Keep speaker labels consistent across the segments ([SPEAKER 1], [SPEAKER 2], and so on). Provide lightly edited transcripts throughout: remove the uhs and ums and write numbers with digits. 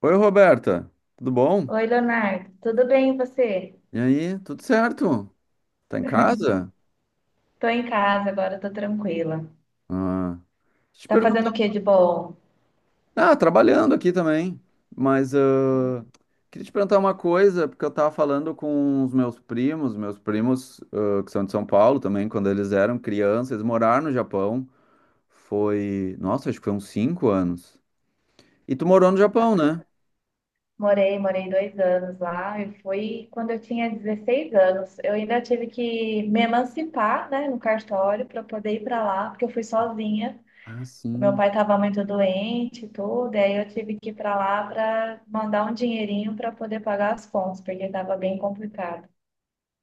[SPEAKER 1] Oi, Roberta, tudo bom?
[SPEAKER 2] Oi, Leonardo. Tudo bem, e você?
[SPEAKER 1] E aí, tudo certo? Tá em casa?
[SPEAKER 2] Tô em casa agora, tô tranquila.
[SPEAKER 1] Ah, deixa eu te
[SPEAKER 2] Tá fazendo
[SPEAKER 1] perguntar.
[SPEAKER 2] o que de bom?
[SPEAKER 1] Ah, trabalhando aqui também, mas
[SPEAKER 2] Que
[SPEAKER 1] ah, queria te perguntar uma coisa, porque eu tava falando com os meus primos ah, que são de São Paulo também. Quando eles eram crianças, eles moraram no Japão, foi, nossa, acho que foi uns 5 anos. E tu morou no Japão,
[SPEAKER 2] bacana.
[SPEAKER 1] né?
[SPEAKER 2] Morei 2 anos lá e foi quando eu tinha 16 anos. Eu ainda tive que me emancipar, né, no cartório para poder ir para lá, porque eu fui sozinha.
[SPEAKER 1] Ah,
[SPEAKER 2] O meu
[SPEAKER 1] sim.
[SPEAKER 2] pai estava muito doente e tudo, e aí eu tive que ir para lá para mandar um dinheirinho para poder pagar as contas, porque estava bem complicado.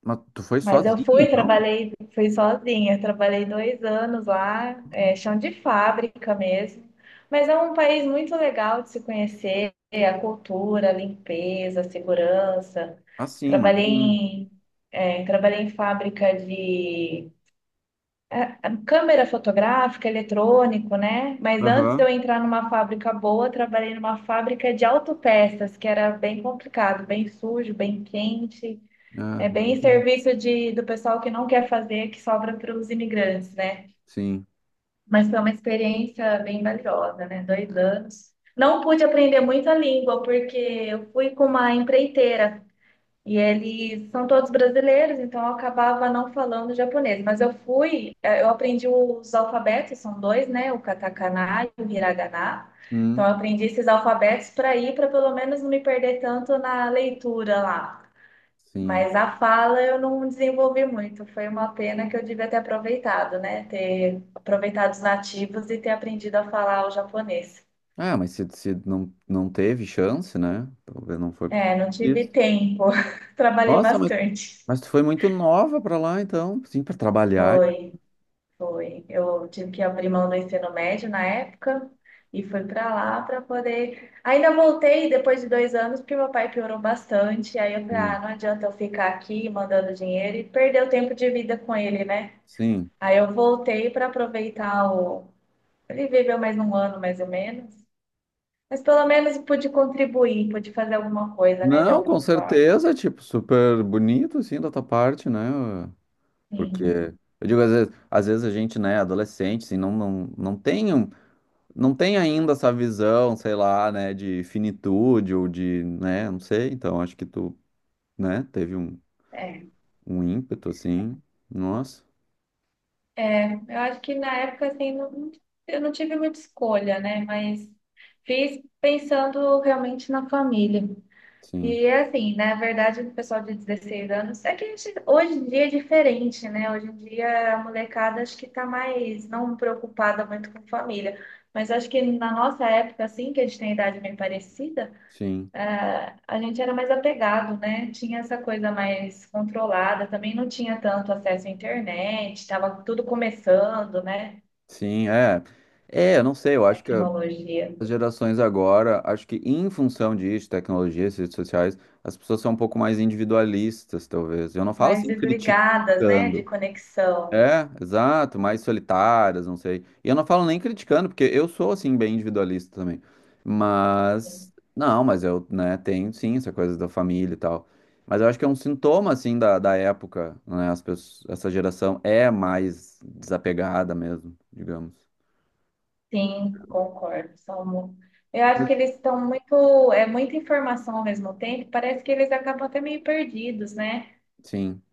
[SPEAKER 1] Mas tu foi
[SPEAKER 2] Mas eu
[SPEAKER 1] sozinho,
[SPEAKER 2] fui,
[SPEAKER 1] então?
[SPEAKER 2] trabalhei, fui sozinha, trabalhei 2 anos lá, é, chão de fábrica mesmo. Mas é um país muito legal de se conhecer, a cultura, a limpeza, a segurança.
[SPEAKER 1] Ah, sim,
[SPEAKER 2] Trabalhei
[SPEAKER 1] imagino.
[SPEAKER 2] em, trabalhei em fábrica de é, é, câmera fotográfica, eletrônico, né? Mas antes de
[SPEAKER 1] Aham.
[SPEAKER 2] eu entrar numa fábrica boa, trabalhei numa fábrica de autopeças, que era bem complicado, bem sujo, bem quente.
[SPEAKER 1] Ah,
[SPEAKER 2] É bem
[SPEAKER 1] imagino.
[SPEAKER 2] serviço de, do pessoal que não quer fazer, que sobra para os imigrantes, né?
[SPEAKER 1] Sim.
[SPEAKER 2] Mas foi uma experiência bem valiosa, né? 2 anos. Não pude aprender muito a língua, porque eu fui com uma empreiteira e eles são todos brasileiros, então eu acabava não falando japonês. Mas eu fui, eu aprendi os alfabetos, são dois, né? O katakana e o hiragana. Então
[SPEAKER 1] Hum.
[SPEAKER 2] eu aprendi esses alfabetos para ir, para pelo menos não me perder tanto na leitura lá.
[SPEAKER 1] Sim.
[SPEAKER 2] Mas a fala eu não desenvolvi muito. Foi uma pena que eu devia ter aproveitado, né? Ter aproveitado os nativos e ter aprendido a falar o japonês.
[SPEAKER 1] Ah, mas se não teve chance, né? Talvez não foi porque.
[SPEAKER 2] É, não tive
[SPEAKER 1] Isso.
[SPEAKER 2] tempo. Trabalhei
[SPEAKER 1] Nossa, mas,
[SPEAKER 2] bastante.
[SPEAKER 1] mas tu foi muito nova pra lá, então, sim, pra trabalhar.
[SPEAKER 2] Foi, foi. Eu tive que abrir mão do ensino médio na época e fui para lá para poder. Ainda voltei depois de 2 anos, porque meu pai piorou bastante. Aí eu falei, ah,
[SPEAKER 1] Hum,
[SPEAKER 2] não adianta eu ficar aqui mandando dinheiro e perder o tempo de vida com ele, né?
[SPEAKER 1] sim.
[SPEAKER 2] Aí eu voltei para aproveitar o Ele viveu mais um ano, mais ou menos. Mas pelo menos pude contribuir, pude fazer alguma coisa, né, de
[SPEAKER 1] Não, com
[SPEAKER 2] alguma forma.
[SPEAKER 1] certeza, tipo, super bonito, assim, da tua parte, né? Porque,
[SPEAKER 2] Sim,
[SPEAKER 1] eu digo, às vezes a gente, né, adolescente, assim, não tem, não tem ainda essa visão, sei lá, né, de finitude ou de, né, não sei. Então, acho que tu, né, teve um,
[SPEAKER 2] é.
[SPEAKER 1] um ímpeto, assim. Nossa,
[SPEAKER 2] Eu acho que na época, assim, eu não tive muita escolha, né? Mas fiz pensando realmente na família.
[SPEAKER 1] sim.
[SPEAKER 2] E é assim, na verdade, o pessoal de 16 anos, é que a gente, hoje em dia é diferente, né? Hoje em dia a molecada acho que tá mais não preocupada muito com família. Mas acho que na nossa época, assim, que a gente tem idade bem parecida,
[SPEAKER 1] Sim,
[SPEAKER 2] é, a gente era mais apegado, né? Tinha essa coisa mais controlada, também não tinha tanto acesso à internet, estava tudo começando, né?
[SPEAKER 1] sim, é. É, eu não sei, eu acho que
[SPEAKER 2] Tecnologia,
[SPEAKER 1] as gerações agora, acho que em função disso, tecnologia, essas redes sociais, as pessoas são um pouco mais individualistas, talvez. Eu não falo
[SPEAKER 2] mais
[SPEAKER 1] assim
[SPEAKER 2] desligadas, né? De
[SPEAKER 1] criticando.
[SPEAKER 2] conexão.
[SPEAKER 1] É, exato, mais solitárias, não sei. E eu não falo nem criticando, porque eu sou, assim, bem individualista também. Mas, não, mas eu, né, tenho sim essa coisa da família e tal. Mas eu acho que é um sintoma, assim, da época, né? As pessoas, essa geração é mais desapegada mesmo, digamos.
[SPEAKER 2] Sim, concordo, eu acho
[SPEAKER 1] Mas,
[SPEAKER 2] que eles estão muito, é muita informação ao mesmo tempo, parece que eles acabam até meio perdidos, né?
[SPEAKER 1] sim,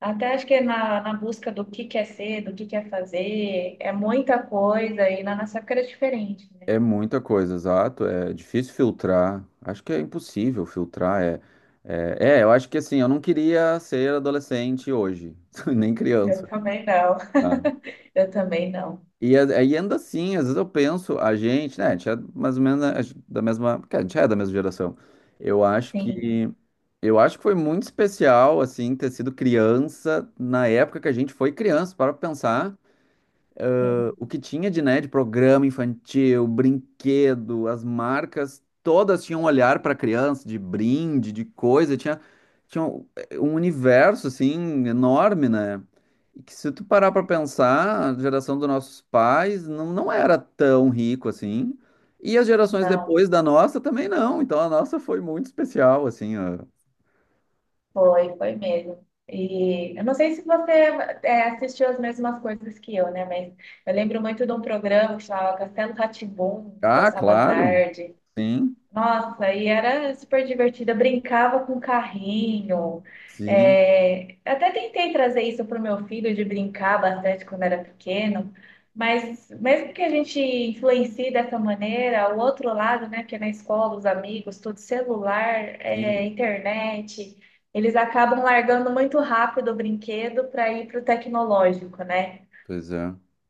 [SPEAKER 2] Até acho que na busca do que quer ser, do que quer fazer, é muita coisa, e na nossa época era diferente, né?
[SPEAKER 1] é muita coisa, exato. É difícil filtrar. Acho que é impossível filtrar. É, eu acho que, assim, eu não queria ser adolescente hoje, nem
[SPEAKER 2] Eu
[SPEAKER 1] criança.
[SPEAKER 2] também não.
[SPEAKER 1] Tá?
[SPEAKER 2] Eu também não.
[SPEAKER 1] E aí anda assim, às vezes eu penso, a gente, né, a gente é mais ou menos, né, da mesma, porque a gente é da mesma geração. Eu acho
[SPEAKER 2] Sim,
[SPEAKER 1] que eu acho que foi muito especial assim ter sido criança na época que a gente foi criança, para pensar.
[SPEAKER 2] sim.
[SPEAKER 1] O que tinha de, né, de programa infantil, brinquedo, as marcas, todas tinham um olhar para criança, de brinde, de coisa, tinha, tinha um universo, assim, enorme, né? E que se tu parar para
[SPEAKER 2] É.
[SPEAKER 1] pensar, a geração dos nossos pais não era tão rico assim, e as gerações
[SPEAKER 2] Não,
[SPEAKER 1] depois da nossa também não, então a nossa foi muito especial, assim, ó.
[SPEAKER 2] foi, foi mesmo. E eu não sei se você é, assistiu as mesmas coisas que eu, né? Mas eu lembro muito de um programa que chamava Castelo rá tim
[SPEAKER 1] Ah,
[SPEAKER 2] passava à
[SPEAKER 1] claro,
[SPEAKER 2] tarde.
[SPEAKER 1] sim,
[SPEAKER 2] Nossa, e era super divertida, brincava com carrinho.
[SPEAKER 1] sim,
[SPEAKER 2] É, até tentei trazer isso para o meu filho de brincar bastante quando era pequeno, mas mesmo que a gente influencie dessa maneira, o outro lado, né, que é na escola, os amigos, tudo celular, é,
[SPEAKER 1] sim,
[SPEAKER 2] internet, eles acabam largando muito rápido o brinquedo para ir para o tecnológico, né?
[SPEAKER 1] pois é.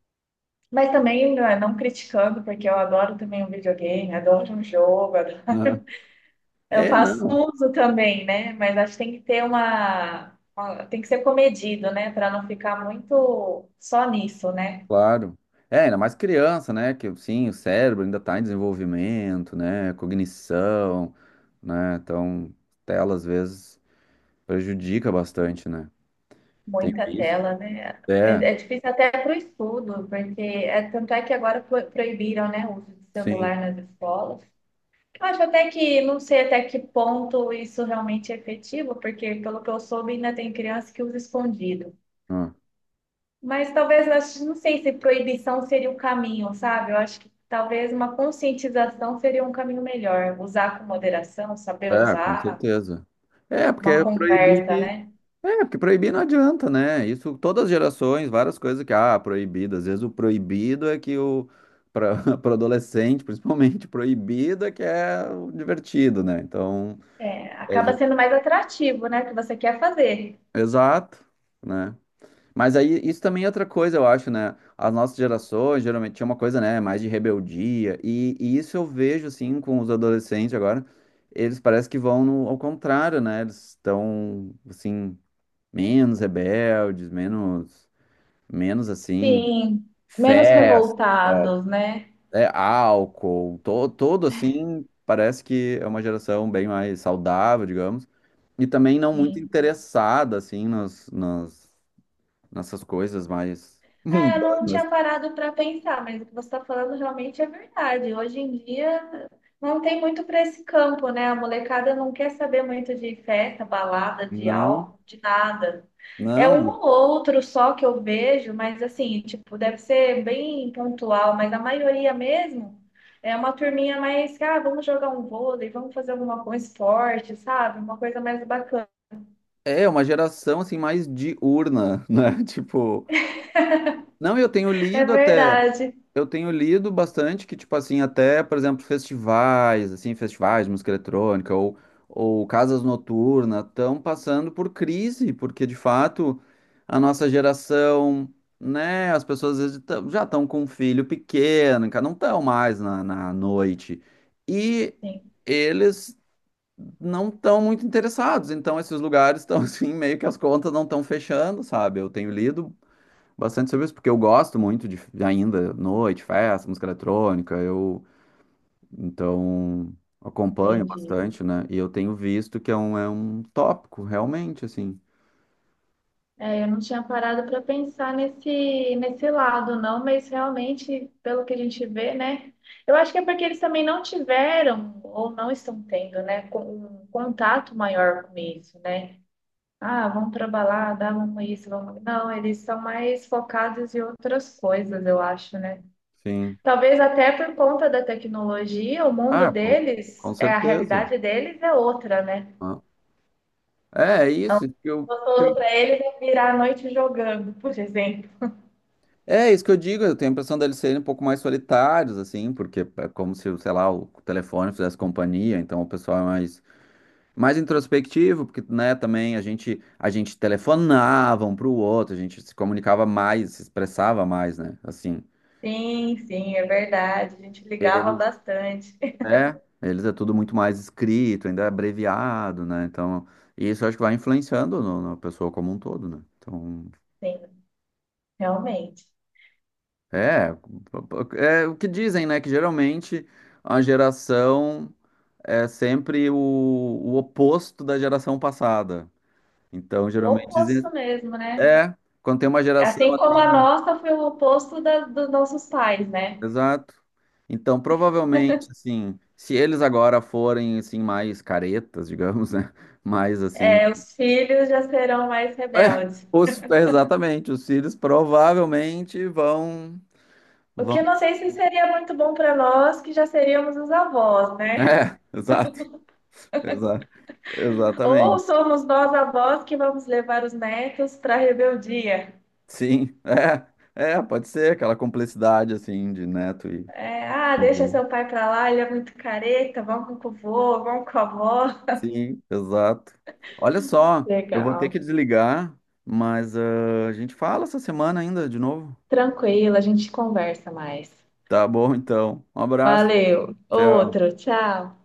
[SPEAKER 2] Mas também não, é, não criticando, porque eu adoro também um videogame, adoro um jogo,
[SPEAKER 1] Ah.
[SPEAKER 2] eu
[SPEAKER 1] É,
[SPEAKER 2] faço
[SPEAKER 1] não.
[SPEAKER 2] uso também, né? Mas acho que tem que ter tem que ser comedido, né? Para não ficar muito só nisso, né?
[SPEAKER 1] Claro. É, ainda mais criança, né? Que sim, o cérebro ainda está em desenvolvimento, né? Cognição, né? Então, tela às vezes prejudica bastante, né? Tem
[SPEAKER 2] Muita
[SPEAKER 1] isso?
[SPEAKER 2] tela, né? É,
[SPEAKER 1] É,
[SPEAKER 2] é difícil até para o estudo, porque é, tanto é que agora proibiram, né, o uso de
[SPEAKER 1] sim.
[SPEAKER 2] celular nas escolas. Eu acho até que, não sei até que ponto isso realmente é efetivo, porque pelo que eu soube, ainda tem criança que usa escondido.
[SPEAKER 1] Ah.
[SPEAKER 2] Mas talvez, eu acho- não sei se proibição seria o caminho, sabe? Eu acho que talvez uma conscientização seria um caminho melhor. Usar com moderação, saber
[SPEAKER 1] É, com
[SPEAKER 2] usar,
[SPEAKER 1] certeza. É,
[SPEAKER 2] uma
[SPEAKER 1] porque
[SPEAKER 2] conversa,
[SPEAKER 1] proibir.
[SPEAKER 2] né?
[SPEAKER 1] É, porque proibir não adianta, né? Isso, todas as gerações, várias coisas que, ah, proibido. Às vezes o proibido é que o. Para adolescente, principalmente, proibido é que é o divertido, né? Então.
[SPEAKER 2] É,
[SPEAKER 1] É.
[SPEAKER 2] acaba sendo mais atrativo, né? O que você quer fazer.
[SPEAKER 1] Exato, né? Mas aí isso também é outra coisa, eu acho, né? As nossas gerações geralmente tinha uma coisa, né, mais de rebeldia, e isso eu vejo assim com os adolescentes agora. Eles parece que vão ao contrário, né? Eles estão assim menos rebeldes, menos assim
[SPEAKER 2] Sim, menos
[SPEAKER 1] festa,
[SPEAKER 2] revoltados, né?
[SPEAKER 1] é, álcool, todo assim, parece que é uma geração bem mais saudável, digamos, e também não muito
[SPEAKER 2] Sim.
[SPEAKER 1] interessada assim nos, nos nessas coisas mais
[SPEAKER 2] É, eu não
[SPEAKER 1] mundanas.
[SPEAKER 2] tinha parado para pensar, mas o que você está falando realmente é verdade. Hoje em dia não tem muito para esse campo, né? A molecada não quer saber muito de festa, balada, de
[SPEAKER 1] Não,
[SPEAKER 2] álcool, de nada. É um
[SPEAKER 1] não.
[SPEAKER 2] ou outro só que eu vejo, mas assim, tipo, deve ser bem pontual, mas a maioria mesmo é uma turminha mais, que, ah, vamos jogar um vôlei, vamos fazer alguma coisa, esporte, sabe? Uma coisa mais bacana.
[SPEAKER 1] É uma geração assim mais diurna, né? Tipo, não, eu tenho
[SPEAKER 2] É
[SPEAKER 1] lido até,
[SPEAKER 2] verdade.
[SPEAKER 1] eu tenho lido bastante que tipo assim, até, por exemplo, festivais, assim, festivais de música eletrônica ou casas noturnas estão passando por crise, porque de fato a nossa geração. Né, as pessoas às vezes já estão com um filho pequeno, cara, não estão mais na noite. E
[SPEAKER 2] Sim,
[SPEAKER 1] eles não estão muito interessados. Então, esses lugares estão assim, meio que as contas não estão fechando, sabe? Eu tenho lido bastante sobre isso, porque eu gosto muito de ainda noite, festa, música eletrônica. Eu então acompanho
[SPEAKER 2] entendi.
[SPEAKER 1] bastante, né? E eu tenho visto que é um tópico, realmente, assim.
[SPEAKER 2] É, eu não tinha parado para pensar nesse lado, não, mas realmente, pelo que a gente vê, né? Eu acho que é porque eles também não tiveram ou não estão tendo, né, um contato maior com isso, né? Ah, vamos pra balada, vamos isso, vamos. Não, eles são mais focados em outras coisas, eu acho, né?
[SPEAKER 1] Sim.
[SPEAKER 2] Talvez até por conta da tecnologia, o mundo
[SPEAKER 1] Ah, com
[SPEAKER 2] deles, é a
[SPEAKER 1] certeza.
[SPEAKER 2] realidade deles é outra, né?
[SPEAKER 1] Ah. É, é isso que eu. que
[SPEAKER 2] Gostoso
[SPEAKER 1] eu-
[SPEAKER 2] pra eles é virar a noite jogando, por exemplo.
[SPEAKER 1] É isso que eu digo, eu tenho a impressão deles serem um pouco mais solitários, assim, porque é como se, sei lá, o telefone fizesse companhia, então o pessoal é mais introspectivo, porque, né, também a gente telefonava um para o outro, a gente se comunicava mais, se expressava mais, né? Assim,
[SPEAKER 2] Sim, sim, é verdade. A gente ligava
[SPEAKER 1] eles
[SPEAKER 2] bastante.
[SPEAKER 1] eles é tudo muito mais escrito, ainda é abreviado, né? Então, isso eu acho que vai influenciando na pessoa como um todo, né? Então,
[SPEAKER 2] Sim, realmente.
[SPEAKER 1] é, é o que dizem, né, que geralmente a geração é sempre o oposto da geração passada. Então,
[SPEAKER 2] O
[SPEAKER 1] geralmente
[SPEAKER 2] oposto
[SPEAKER 1] dizem,
[SPEAKER 2] mesmo, né?
[SPEAKER 1] é, quando tem uma geração
[SPEAKER 2] Assim como a
[SPEAKER 1] assim,
[SPEAKER 2] nossa foi o oposto dos nossos pais, né?
[SPEAKER 1] exato. Então, provavelmente, assim, se eles agora forem, assim, mais caretas, digamos, né? Mais, assim...
[SPEAKER 2] É, os filhos já serão mais
[SPEAKER 1] É,
[SPEAKER 2] rebeldes.
[SPEAKER 1] é, exatamente, os filhos provavelmente vão...
[SPEAKER 2] O
[SPEAKER 1] vão...
[SPEAKER 2] que eu não sei se seria muito bom para nós, que já seríamos os avós,
[SPEAKER 1] É,
[SPEAKER 2] né?
[SPEAKER 1] exato, exa,
[SPEAKER 2] Ou
[SPEAKER 1] exatamente.
[SPEAKER 2] somos nós avós que vamos levar os netos para a rebeldia.
[SPEAKER 1] Sim, pode ser aquela complexidade, assim, de neto e
[SPEAKER 2] É, ah, deixa
[SPEAKER 1] avô.
[SPEAKER 2] seu pai para lá, ele é muito careta, vamos com o vô, vamos com a avó.
[SPEAKER 1] Sim, exato. Olha só, eu vou ter que
[SPEAKER 2] Legal.
[SPEAKER 1] desligar, mas ah, a gente fala essa semana ainda, de novo.
[SPEAKER 2] Tranquilo, a gente conversa mais.
[SPEAKER 1] Tá bom, então. Um abraço.
[SPEAKER 2] Valeu.
[SPEAKER 1] Tchau.
[SPEAKER 2] Outro, tchau.